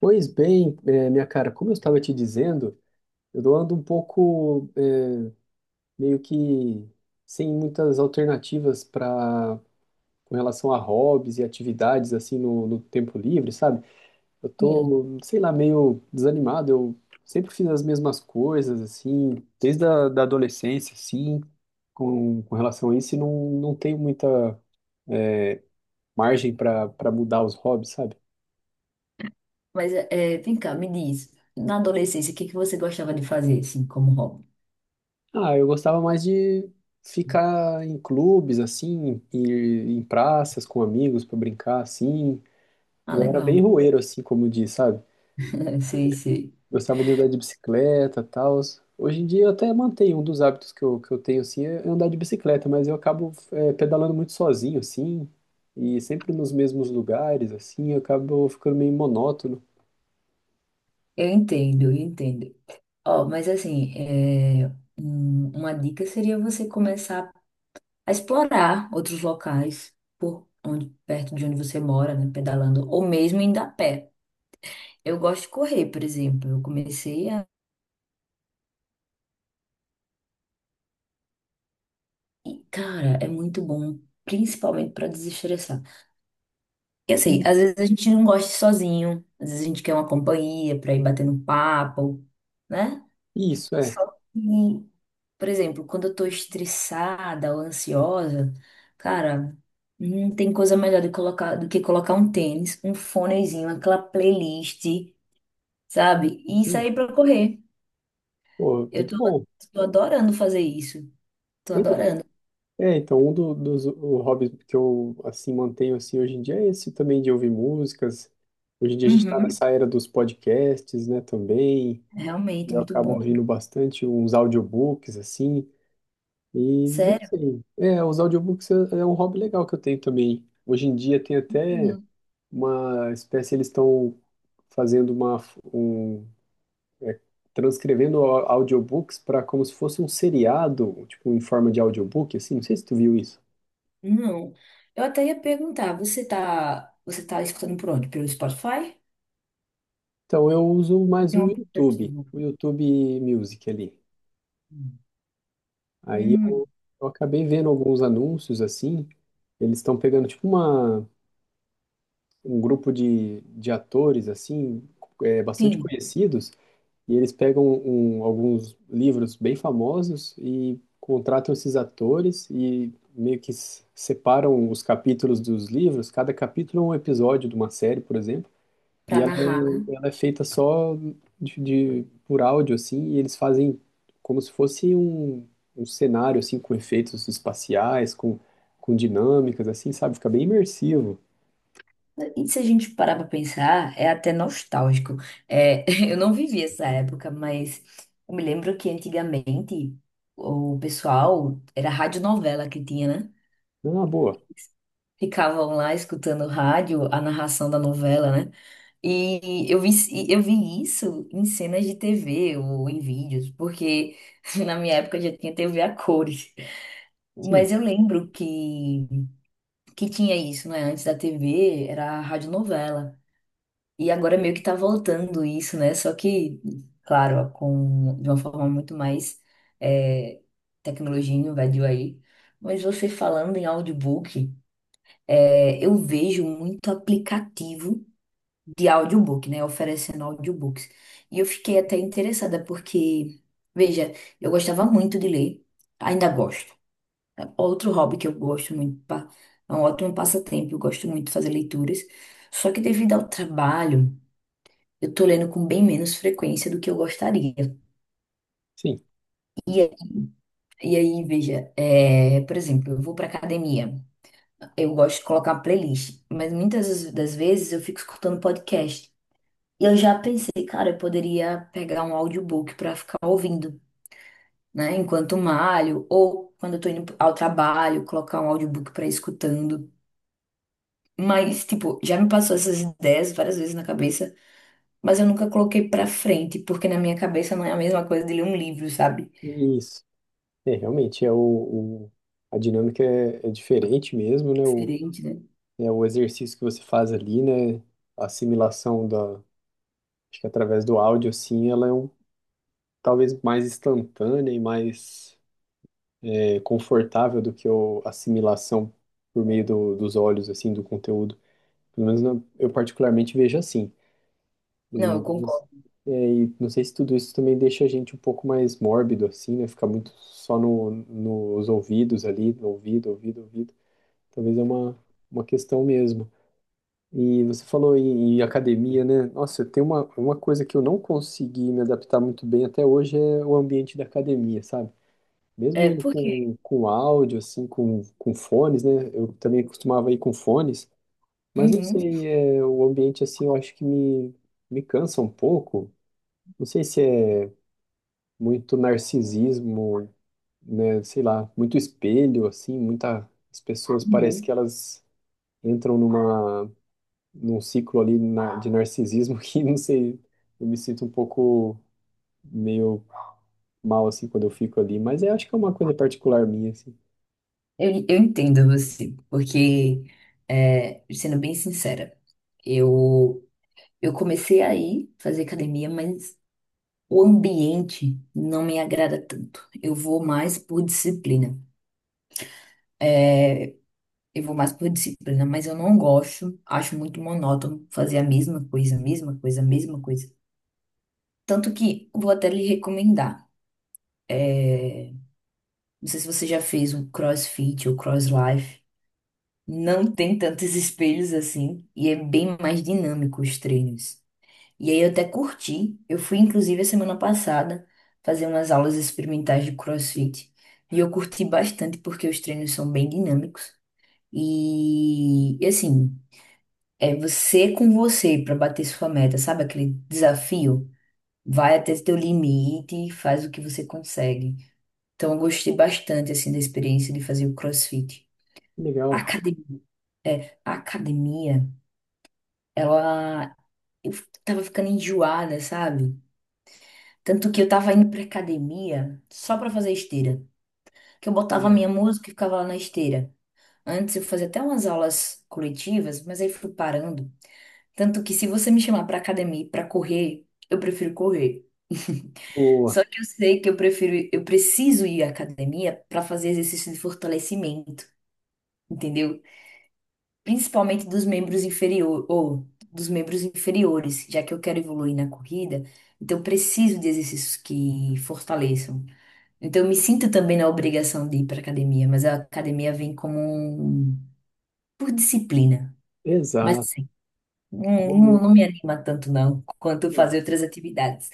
Pois bem, minha cara, como eu estava te dizendo, eu ando um pouco meio que sem muitas alternativas para com relação a hobbies e atividades assim no tempo livre, sabe? Eu Sim, tô, sei lá, meio desanimado. Eu sempre fiz as mesmas coisas assim, desde a da adolescência, assim, com relação a isso, e não tenho muita eh, margem para mudar os hobbies, sabe? mas é, vem cá, me diz, na adolescência, o que que você gostava de fazer, assim, como hobby? Ah, eu gostava mais de ficar em clubes, assim, ir em praças com amigos pra brincar, assim. Ah, Eu era bem legal. roeiro, assim, como diz, sabe? Sei, sei. Gostava de andar de bicicleta, tal. Hoje em dia eu até mantenho um dos hábitos que eu tenho, assim, é andar de bicicleta, mas eu acabo é, pedalando muito sozinho, assim, e sempre nos mesmos lugares, assim, eu acabo ficando meio monótono. Eu entendo. Ó, mas assim, é, uma dica seria você começar a explorar outros locais por onde, perto de onde você mora, né, pedalando, ou mesmo indo a pé. Eu gosto de correr, por exemplo. Eu comecei a... E, cara, é muito bom, principalmente para desestressar. Eu sei, Sim, às vezes a gente não gosta de ir sozinho, às vezes a gente quer uma companhia pra ir batendo papo, né? isso, é. Só que, por exemplo, quando eu tô estressada ou ansiosa, cara, não tem coisa melhor do que colocar um tênis, um fonezinho, aquela playlist, sabe? E Sim, sair pra correr. pô, Eu muito tô, bom. tô adorando fazer isso. Tô Pois é. adorando. É, então, dos o hobbies que eu, assim, mantenho, assim, hoje em dia é esse também de ouvir músicas. Hoje em dia a gente está Uhum, nessa era dos podcasts, né, também. é E realmente eu muito acabo bom. ouvindo bastante uns audiobooks, assim. E, não Sério? sei, é, os audiobooks é um hobby legal que eu tenho também. Hoje em dia tem até uma espécie, eles estão fazendo uma, um, é, transcrevendo audiobooks para como se fosse um seriado, tipo, em forma de audiobook, assim. Não sei se tu viu isso. Não. Eu até ia perguntar, você tá escutando por onde? Pelo Spotify? Então, eu uso mais Tem um aplicativo. o YouTube Music ali. Aí Hum, eu, eu acabei vendo alguns anúncios assim, eles estão pegando tipo uma, um grupo de atores assim, é, bastante sim, conhecidos, e eles pegam alguns livros bem famosos e contratam esses atores e meio que separam os capítulos dos livros, cada capítulo é um episódio de uma série, por exemplo, para e narrar. Ela é feita só por áudio, assim, e eles fazem como se fosse um, um cenário, assim, com efeitos espaciais, com dinâmicas, assim, sabe? Fica bem imersivo. E se a gente parar para pensar, é até nostálgico. É, eu não vivi essa época, mas eu me lembro que antigamente o pessoal era radionovela que tinha, né? Ah, boa. Ficavam lá escutando rádio, a narração da novela, né? E eu vi isso em cenas de TV ou em vídeos, porque na minha época já tinha TV a cores. Sim, Mas eu lembro que tinha isso, não é? Antes da TV era a radionovela. E agora meio que tá voltando isso, né? Só que, claro, com, de uma forma muito mais é, tecnologia invadiu aí. Mas você falando em audiobook, é, eu vejo muito aplicativo de audiobook, né? Oferecendo audiobooks. E eu fiquei até interessada, porque, veja, eu gostava muito de ler, ainda gosto. É outro hobby que eu gosto muito, é um ótimo passatempo, eu gosto muito de fazer leituras. Só que devido ao trabalho, eu tô lendo com bem menos frequência do que eu gostaria. sim. E, é- e aí, veja, é, por exemplo, eu vou pra academia, eu gosto de colocar playlist, mas muitas das vezes eu fico escutando podcast. Eu já pensei, cara, eu poderia pegar um audiobook pra ficar ouvindo, né? Enquanto malho, ou quando eu tô indo ao trabalho, colocar um audiobook pra ir escutando. Mas, tipo, já me passou essas ideias várias vezes na cabeça, mas eu nunca coloquei pra frente, porque na minha cabeça não é a mesma coisa de ler um livro, sabe? Isso. É, realmente, o- a dinâmica é diferente mesmo, né? O, Diferente, né? é o exercício que você faz ali, né? A assimilação da, acho que através do áudio, assim, ela é um, talvez mais instantânea e mais é confortável do que eu assimilação por meio dos olhos, assim, do conteúdo. Pelo menos eu particularmente vejo assim. Não, eu E, concordo. é, e não sei se tudo isso também deixa a gente um pouco mais mórbido, assim, né? Ficar muito só nos ouvidos ali, no ouvido, ouvido, ouvido. Talvez é uma questão mesmo. E você falou em academia, né? Nossa, tem uma coisa que eu não consegui me adaptar muito bem até hoje é o ambiente da academia, sabe? Mesmo É, indo porque. Com áudio, assim, com fones, né? Eu também costumava ir com fones, mas não Uhum, sei, é, o ambiente, assim, eu acho que me cansa um pouco. Não sei se é muito narcisismo, né? Sei lá, muito espelho, assim, muitas pessoas parece uhum. que elas entram numa, num ciclo ali de narcisismo que, não sei, eu me sinto um pouco meio mal, assim, quando eu fico ali, mas eu acho que é uma coisa particular minha, assim. Eu entendo você, porque, é, sendo bem sincera, eu. Eu comecei a ir fazer academia, mas o ambiente não me agrada tanto. Eu vou mais por disciplina. Eu vou mais por disciplina, mas eu não gosto. Acho muito monótono fazer a mesma coisa, a mesma coisa, a mesma coisa. Tanto que eu vou até lhe recomendar. Não sei se você já fez um CrossFit ou CrossLife. Não tem tantos espelhos assim e é bem mais dinâmico os treinos. E aí eu até curti. Eu fui, inclusive, a semana passada fazer umas aulas experimentais de CrossFit. E eu curti bastante porque os treinos são bem dinâmicos. E assim, é você com você para bater sua meta, sabe? Aquele desafio. Vai até teu limite e faz o que você consegue. Então eu gostei bastante, assim, da experiência de fazer o CrossFit. A Legal. academia, é, a academia, ela... Eu tava ficando enjoada, sabe? Tanto que eu tava indo pra academia só pra fazer esteira. Que eu botava a Né? minha música e ficava lá na esteira. Antes eu fazia até umas aulas coletivas, mas aí fui parando. Tanto que se você me chamar pra academia e pra correr, eu prefiro correr. Boa, Só que eu sei que eu prefiro, eu preciso ir à academia pra fazer exercício de fortalecimento, entendeu? Principalmente dos membros inferiores, ou dos membros inferiores, já que eu quero evoluir na corrida, então eu preciso de exercícios que fortaleçam. Então, eu me sinto também na obrigação de ir para academia, mas a academia vem como um... por disciplina. Mas exato. assim, não, não Boa. não me anima tanto não, quanto Sim. fazer outras atividades.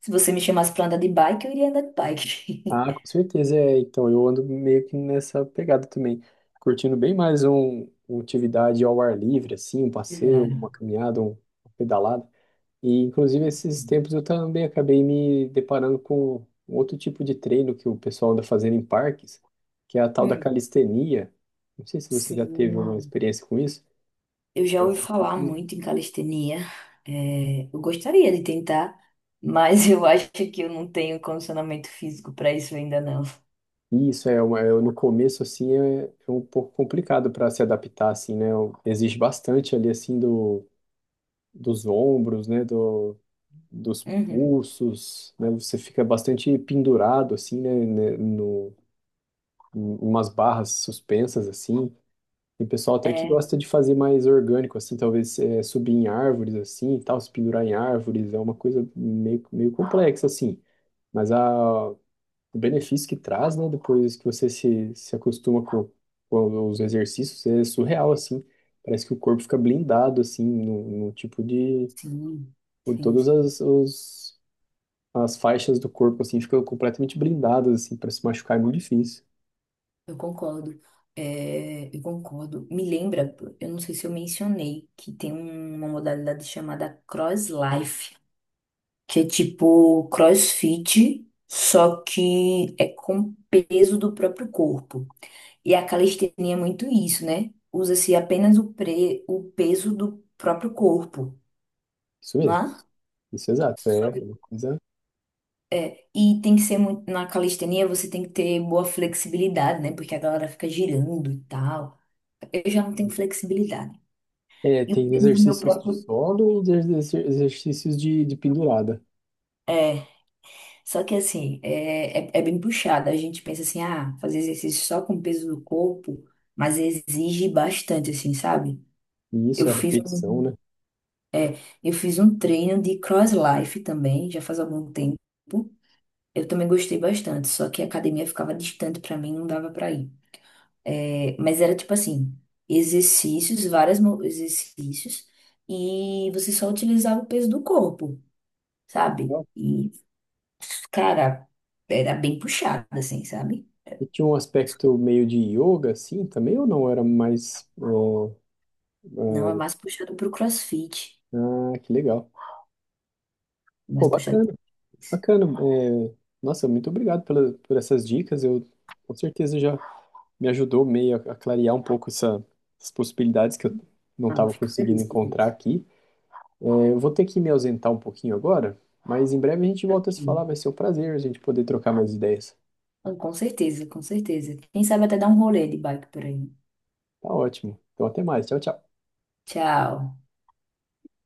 Se você me chamasse para andar de bike, eu iria andar de bike. Ah, com certeza é. Então, eu ando meio que nessa pegada também, curtindo bem mais uma atividade ao ar livre, assim, um passeio, uma Exato. caminhada, uma pedalada. E, inclusive, esses tempos eu também acabei me deparando com um outro tipo de treino que o pessoal anda fazendo em parques, que é a tal da Hum, calistenia. Não sei se você já teve uma sim. experiência com isso. Eu já São ouvi falar exercícios. muito em calistenia. É, eu gostaria de tentar, mas eu acho que eu não tenho condicionamento físico para isso ainda não. Isso é, uma, é no começo assim é um pouco complicado para se adaptar assim, né? Exige bastante ali assim do, dos ombros, né? Do, dos Uhum. pulsos, né? Você fica bastante pendurado assim, né? No, em umas barras suspensas assim. Tem pessoal até que É, gosta de fazer mais orgânico assim, talvez é, subir em árvores assim, e tal, se pendurar em árvores é uma coisa meio, meio complexa assim. Mas a, o benefício que traz, né? Depois que você se acostuma com os exercícios, é surreal, assim. Parece que o corpo fica blindado, assim, no tipo de... sim, com sim, todas sim. As faixas do corpo, assim, ficam completamente blindadas, assim, para se machucar é muito difícil. Eu concordo. É, eu concordo. Me lembra, eu não sei se eu mencionei, que tem uma modalidade chamada Cross Life, que é tipo CrossFit, só que é com peso do próprio corpo. E a calistenia é muito isso, né? Usa-se apenas o peso do próprio corpo, Isso não mesmo, é? isso é exato. Só É que. uma coisa... E tem que ser muito. Na calistenia você tem que ter boa flexibilidade, né? Porque a galera fica girando e tal. Eu já não tenho flexibilidade. É, E o tem peso do meu exercícios de próprio. solo e exercícios de pendurada. É, só que assim, é bem puxado. A gente pensa assim, ah, fazer exercício só com o peso do corpo, mas exige bastante, assim, sabe? E Eu isso é fiz repetição, um, né? eu fiz um treino de cross life também, já faz algum tempo. Eu também gostei bastante, só que a academia ficava distante pra mim, não dava pra ir. É, mas era tipo assim, vários exercícios, e você só utilizava o peso do corpo, sabe? Legal. E cara, era bem puxado, assim, sabe? E tinha um aspecto meio de yoga, assim, também, ou não? Era mais, ó. Não, é mais puxado pro CrossFit, Ah, que legal. é Pô, mais puxado bacana, pro isso. bacana. É, nossa, muito obrigado pela, por essas dicas. Eu com certeza já me ajudou meio a clarear um pouco essas possibilidades que eu não Ah, estava fico conseguindo feliz com encontrar isso. aqui. É, eu vou ter que me ausentar um pouquinho agora, mas em breve a gente volta a se falar. Ok. Vai ser um prazer a gente poder trocar mais ideias. Ah, com certeza, com certeza. Quem sabe até dar um rolê de bike por aí. Tá ótimo. Então até mais. Tchau, tchau. Tchau.